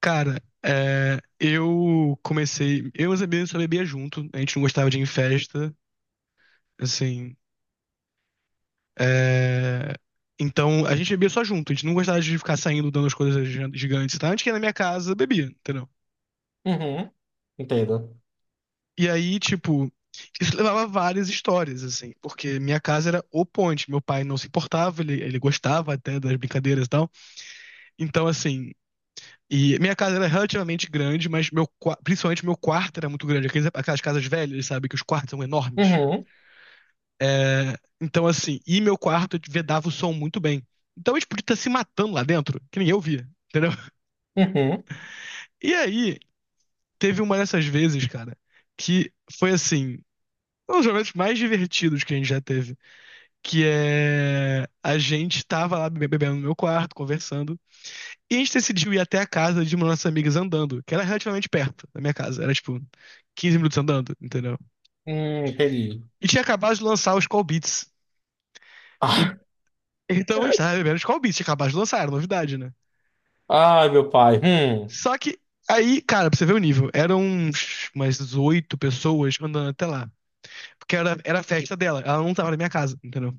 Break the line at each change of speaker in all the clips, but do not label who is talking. Cara, eu comecei. Eu e os amigos só bebia junto, a gente não gostava de ir em festa, assim. é, então, a gente bebia só junto, a gente não gostava de ficar saindo dando as coisas gigantes e tal. A gente ia na minha casa, bebia, entendeu?
Uhum, entendo.
E aí, tipo, isso levava a várias histórias, assim, porque minha casa era o ponte. Meu pai não se importava, ele gostava até das brincadeiras e tal. Então, assim. E minha casa era relativamente grande, mas meu, principalmente meu quarto era muito grande. Aquelas casas velhas, sabe, que os quartos são enormes.
Uhum,
É, então, assim, e meu quarto vedava o som muito bem. Então a gente podia estar se matando lá dentro, que ninguém ouvia, entendeu?
uhum,
E aí, teve uma dessas vezes, cara, que foi assim, um dos momentos mais divertidos que a gente já teve. Que é. A gente tava lá bebendo no meu quarto, conversando, e a gente decidiu ir até a casa de uma das nossas amigas andando, que era relativamente perto da minha casa, era tipo 15 minutos andando, entendeu?
entendi.
E tinha acabado de lançar os Call Beats. E- Então a gente tava bebendo os Call Beats, tinha acabado de lançar, era novidade, né?
Ah, ai, meu pai. Hum.
Só que aí, cara, pra você ver o nível, eram umas 8 pessoas andando até lá. Porque era a festa dela, ela não tava na minha casa, entendeu?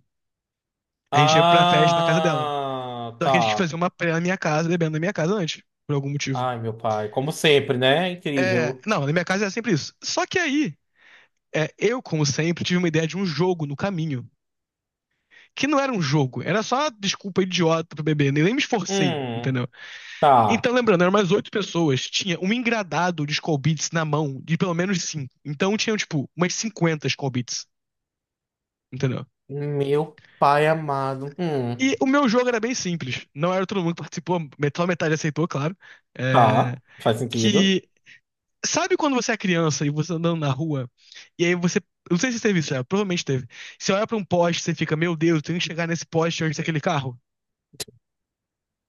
A gente ia pra festa na casa dela.
Ah,
Só que a gente quis
tá.
fazer uma praia na minha casa, bebendo na minha casa antes, por algum motivo.
Ai, meu pai. Como sempre, né?
É,
Incrível.
não, na minha casa era sempre isso. Só que aí, eu, como sempre, tive uma ideia de um jogo no caminho. Que não era um jogo, era só desculpa idiota pra beber, nem me esforcei, entendeu?
Hum, tá.
Então, lembrando, eram mais 8 pessoas. Tinha um engradado de Skol Beats na mão, de pelo menos 5. Então, tinham, tipo, umas 50 Skol Beats, entendeu?
Meu pai amado.
E o meu jogo era bem simples. Não era todo mundo que participou, só metade aceitou, claro. É.
Tá. Faz sentido.
Que. Sabe quando você é criança e você andando na rua, e aí você. Eu Não sei se teve isso, já, provavelmente teve. Você olha pra um poste, você fica, meu Deus, eu tenho que chegar nesse poste antes daquele carro,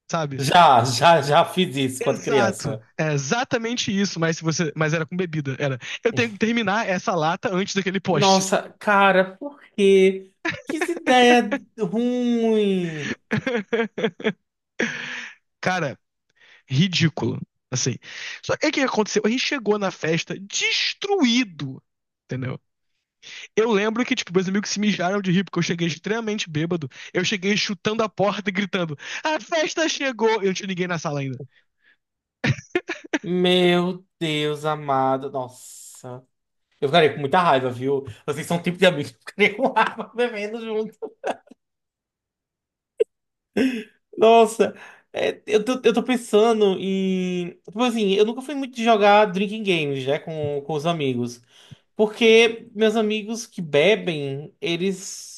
sabe?
Já, já, já fiz isso quando
Exato.
criança.
É exatamente isso, mas se você, mas era com bebida, era. Eu tenho que terminar essa lata antes daquele poste.
Nossa, cara, por quê? Que ideia ruim.
Cara, ridículo, assim. Só que o que aconteceu? A gente chegou na festa destruído. Entendeu? Eu lembro que, tipo, meus amigos se mijaram de rir, porque eu cheguei extremamente bêbado. Eu cheguei chutando a porta e gritando: A festa chegou! Eu não tinha ninguém na sala ainda.
Meu Deus amado. Nossa. Eu ficaria com muita raiva, viu? Vocês são o tipo de amigos que eu ficaria com raiva bebendo junto. Nossa, é, eu tô pensando em. Tipo assim, eu nunca fui muito de jogar drinking games, né, com os amigos. Porque meus amigos que bebem, eles.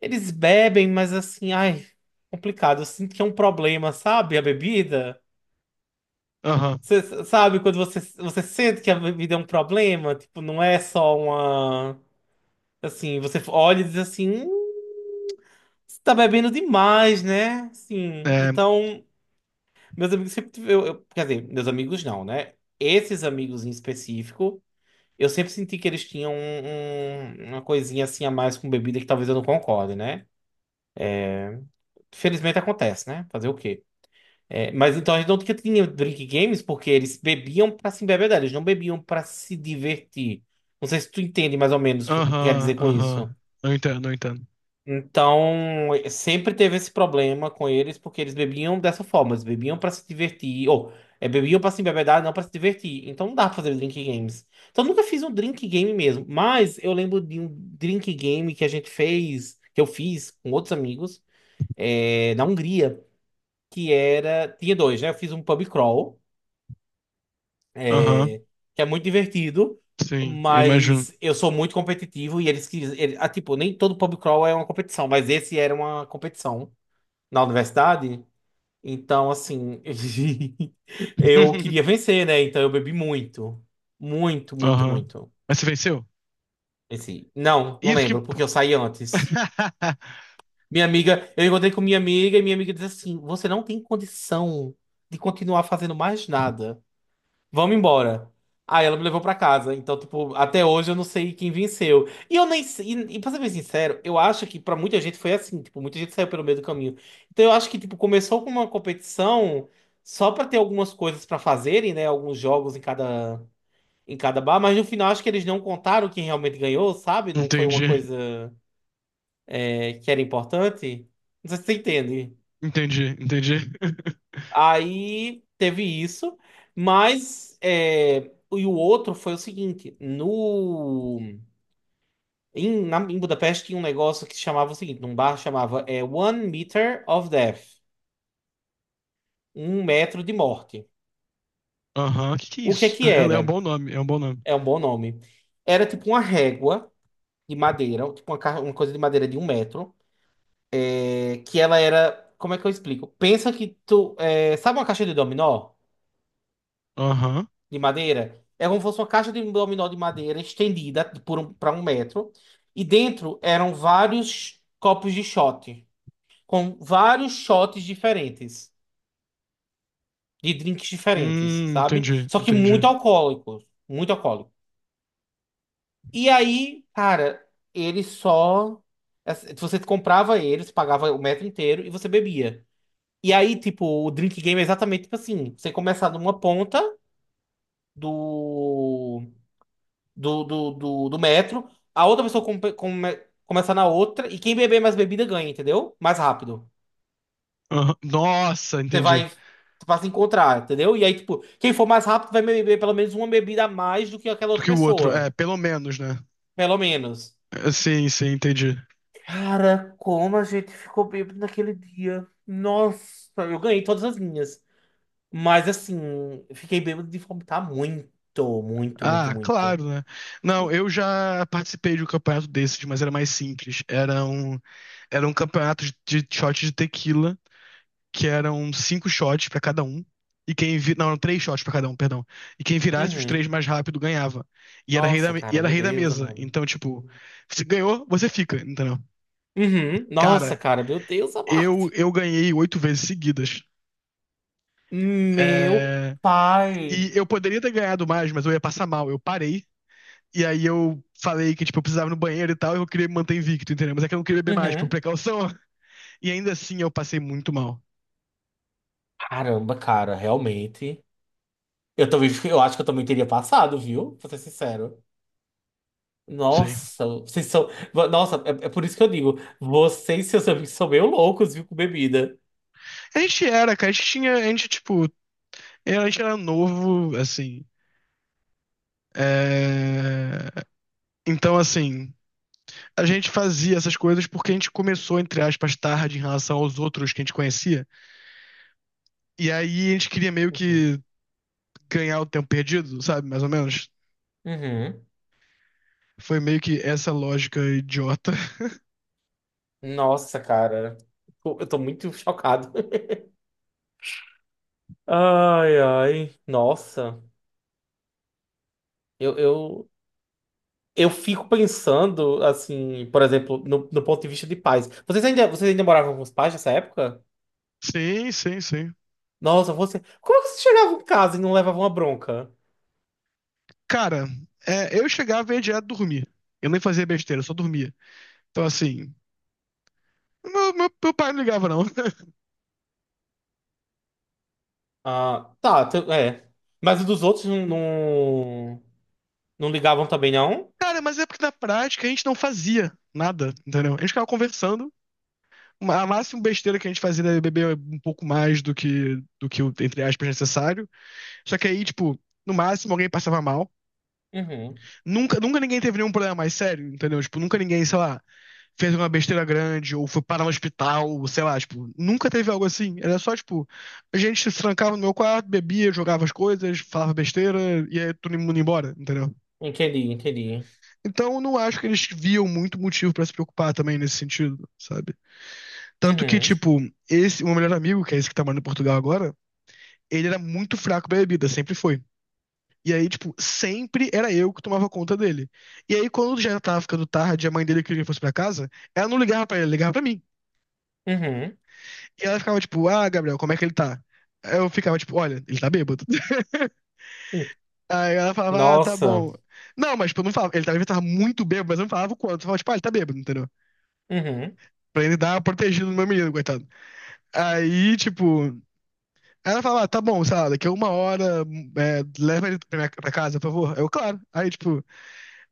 Eles bebem, mas assim, ai, complicado. Eu sinto que é um problema, sabe? A bebida.
Aham.
Você sabe quando você sente que a bebida é um problema? Tipo, não é só uma. Assim, você olha e diz assim. Você tá bebendo demais, né?" Sim.
É.
Então, meus amigos sempre. Quer dizer, meus amigos não, né? Esses amigos em específico, eu sempre senti que eles tinham uma coisinha assim a mais com bebida que talvez eu não concorde, né? Felizmente acontece, né? Fazer o quê? É, mas então a gente não tinha drink games porque eles bebiam pra se embebedar, eles não bebiam pra se divertir. Não sei se tu entende mais ou menos o que quer
Aham,
dizer com isso.
aham. Eu entendo, não entendo.
Então, sempre teve esse problema com eles, porque eles bebiam dessa forma, eles bebiam pra se divertir, ou é, bebiam pra se embebedar, não pra se divertir. Então não dá pra fazer drink games. Então eu nunca fiz um drink game mesmo, mas eu lembro de um drink game que a gente fez, que eu fiz com outros amigos, é, na Hungria, que era, tinha dois, né? Eu fiz um pub crawl,
Aham,
eh, que é muito divertido,
sim, eu imagino.
mas eu sou muito competitivo e eles, tipo, nem todo pub crawl é uma competição, mas esse era uma competição na universidade. Então, assim, eu queria vencer, né? Então eu bebi muito. Muito, muito,
Aham.
muito.
Mas você venceu?
Esse, não, não
Isso que.
lembro, porque eu saí antes. Minha amiga, eu encontrei com minha amiga e minha amiga disse assim: "Você não tem condição de continuar fazendo mais nada. Vamos embora." Aí ela me levou pra casa. Então, tipo, até hoje eu não sei quem venceu. E eu nem sei. E pra ser bem sincero, eu acho que pra muita gente foi assim. Tipo, muita gente saiu pelo meio do caminho. Então, eu acho que, tipo, começou com uma competição só pra ter algumas coisas pra fazerem, né? Alguns jogos em cada bar. Mas no final, acho que eles não contaram quem realmente ganhou, sabe? Não foi uma
Entendi.
coisa, é, que era importante. Não sei se você entende.
Entendi, entendi.
Aí teve isso, mas é, e o outro foi o seguinte, no em, na, em Budapeste tinha um negócio que chamava o seguinte, num bar chamava é, One Meter of Death, um metro de morte.
Aham. Que é
O que é
isso?
que
É, é um
era?
bom nome, é um bom nome.
É um bom nome. Era tipo uma régua de madeira, tipo uma, uma coisa de madeira de um metro, é, que ela era, como é que eu explico? Pensa que tu, é, sabe uma caixa de dominó?
Aham.
De madeira. É como se fosse uma caixa de um dominó de madeira estendida por para um metro. E dentro eram vários copos de shot, com vários shots diferentes, de drinks diferentes, sabe?
Entendi,
Só que
entendi.
muito alcoólicos, muito alcoólico. E aí, cara, ele só. Você comprava eles, pagava o metro inteiro e você bebia. E aí, tipo, o drink game é exatamente tipo assim: você começar numa ponta do do metro, a outra pessoa começa na outra, e quem beber mais bebida ganha, entendeu? Mais rápido.
Aham. Nossa,
Você
entendi.
vai, vai se encontrar, entendeu? E aí, tipo, quem for mais rápido vai beber pelo menos uma bebida a mais do que aquela
Do
outra
que o outro. É,
pessoa.
pelo menos, né?
Pelo menos.
É, sim, sim, entendi.
Cara, como a gente ficou bêbado naquele dia. Nossa, eu ganhei todas as minhas. Mas assim, fiquei bêbado de vomitar muito, muito, muito,
Ah,
muito.
claro, né? Não, eu já participei de um campeonato desses, mas era mais simples. Era um campeonato de shot de tequila. Que eram 5 shots pra cada um. E quem vi... Não, eram 3 shots pra cada um, perdão. E quem virasse os
Uhum.
3 mais rápido ganhava. E era
Nossa,
e
cara,
era
meu
rei da
Deus,
mesa.
amado.
Então, tipo, se ganhou, você fica, entendeu?
Uhum. Nossa,
Cara,
cara, meu Deus amado.
eu ganhei 8 vezes seguidas.
Meu
É.
pai.
E eu poderia ter ganhado mais, mas eu ia passar mal. Eu parei. E aí eu falei que, tipo, eu precisava ir no banheiro e tal, e eu queria me manter invicto, entendeu? Mas é que eu não queria beber mais, por
Uhum.
precaução. E ainda assim eu passei muito mal.
Caramba, cara, realmente. Eu também, eu acho que eu também teria passado, viu? Pra ser sincero.
Sei.
Nossa, vocês são. Nossa, é, é por isso que eu digo, vocês e seus amigos são meio loucos, viu, com bebida.
A gente era, cara, a gente tinha, a gente, tipo, eu, a gente era novo, assim. é, Então, assim, a gente fazia essas coisas porque a gente começou, entre aspas, tarde em relação aos outros que a gente conhecia. E aí a gente queria meio
Uhum.
que ganhar o tempo perdido, sabe? Mais ou menos.
Uhum.
Foi meio que essa lógica idiota.
Nossa, cara. Eu tô muito chocado. Ai, ai. Nossa. Eu, eu, Eu fico pensando, assim, por exemplo, no ponto de vista de pais. Vocês ainda moravam com os pais nessa época?
Sim, sim, sim.
Nossa, você. Como é que vocês chegavam em casa e não levavam uma bronca?
Cara, eu chegava e ia direto dormir. Eu nem fazia besteira, eu só dormia. Então, assim, meu, meu pai não ligava, não.
Ah, tá, tu- é. Mas os dos outros não ligavam também, não?
Cara, mas é porque na prática a gente não fazia nada, entendeu? A gente ficava conversando a máxima besteira que a gente fazia era beber um pouco mais do que o, entre aspas, necessário. Só que aí, tipo, no máximo alguém passava mal.
Uhum.
Nunca, nunca ninguém teve nenhum problema mais sério, entendeu? Tipo, nunca ninguém, sei lá, fez uma besteira grande ou foi parar no hospital, ou sei lá, tipo, nunca teve algo assim. Era só, tipo, a gente se trancava no meu quarto, bebia, jogava as coisas, falava besteira e aí todo mundo ia embora, entendeu?
Entendi, entendi.
Então, eu não acho que eles viam muito motivo pra se preocupar também nesse sentido, sabe? Tanto que,
Uhum,
tipo, esse, o meu melhor amigo, que é esse que tá morando em Portugal agora, ele era muito fraco pra bebida, sempre foi. E aí, tipo, sempre era eu que tomava conta dele. E aí, quando já tava ficando tarde, a mãe dele queria que ele fosse pra casa, ela não ligava pra ele, ela ligava pra mim.
uhum.
E ela ficava, tipo, ah, Gabriel, como é que ele tá? Aí eu ficava, tipo, olha, ele tá bêbado.
Hum,
Aí ela falava, ah, tá
nossa.
bom. Não, mas, tipo, eu não falava. Ele tava muito bêbado, mas eu não falava o quanto. Eu falava, tipo, ah, ele tá bêbado, entendeu?
Uhum.
Pra ele dar uma protegida no meu menino, coitado. Aí, tipo, aí ela falava, ah, tá bom, sei lá, daqui a 1 hora, leva ele pra, minha, pra casa, por favor. Aí eu, claro. Aí, tipo,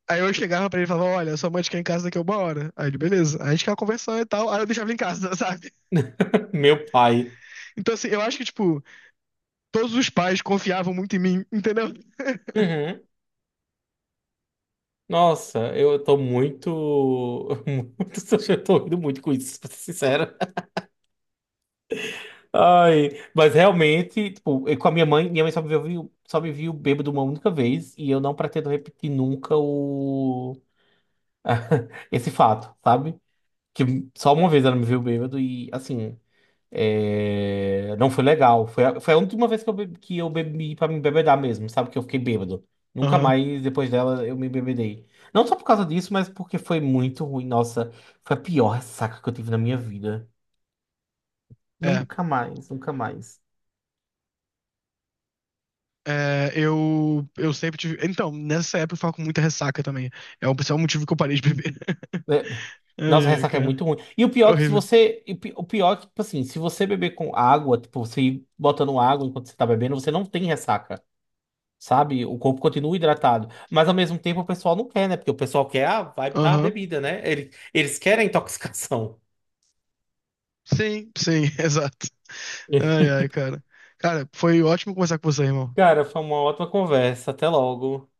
aí eu chegava pra ele e falava, olha, sua mãe te quer em casa daqui a 1 hora. Aí ele, beleza. Aí a gente ficava conversando e tal, aí eu deixava ele em casa, sabe?
Meu pai.
Então, assim, eu acho que, tipo, todos os pais confiavam muito em mim, entendeu?
Uhum. Nossa, eu tô muito. Muito. Eu tô rindo muito com isso, pra ser sincero. Ai, mas realmente, tipo, eu com a minha mãe só me viu bêbado uma única vez e eu não pretendo repetir nunca o esse fato, sabe? Que só uma vez ela me viu bêbado e assim, é, não foi legal. Foi a última vez que eu bebi, para me embebedar mesmo, sabe? Que eu fiquei bêbado. Nunca
Aham.
mais depois dela eu me embebedei. Não só por causa disso, mas porque foi muito ruim. Nossa, foi a pior ressaca que eu tive na minha vida.
É.
Nunca mais, nunca mais.
Eu sempre tive. Então, nessa época eu ficava com muita ressaca também. É um, esse é um motivo que eu parei de beber.
É,
Ai,
nossa, a
ai,
ressaca é
cara.
muito ruim. E o
É
pior é que se
horrível.
você. O pior é que, tipo assim, se você beber com água, tipo, você ir botando água enquanto você tá bebendo, você não tem ressaca, sabe? O corpo continua hidratado. Mas ao mesmo tempo o pessoal não quer, né? Porque o pessoal quer a vibe da
Aham.
bebida, né? Eles querem a intoxicação.
Sim, sim, exato. Ai, ai, cara. Cara, foi ótimo conversar com você, irmão.
Cara, foi uma ótima conversa. Até logo.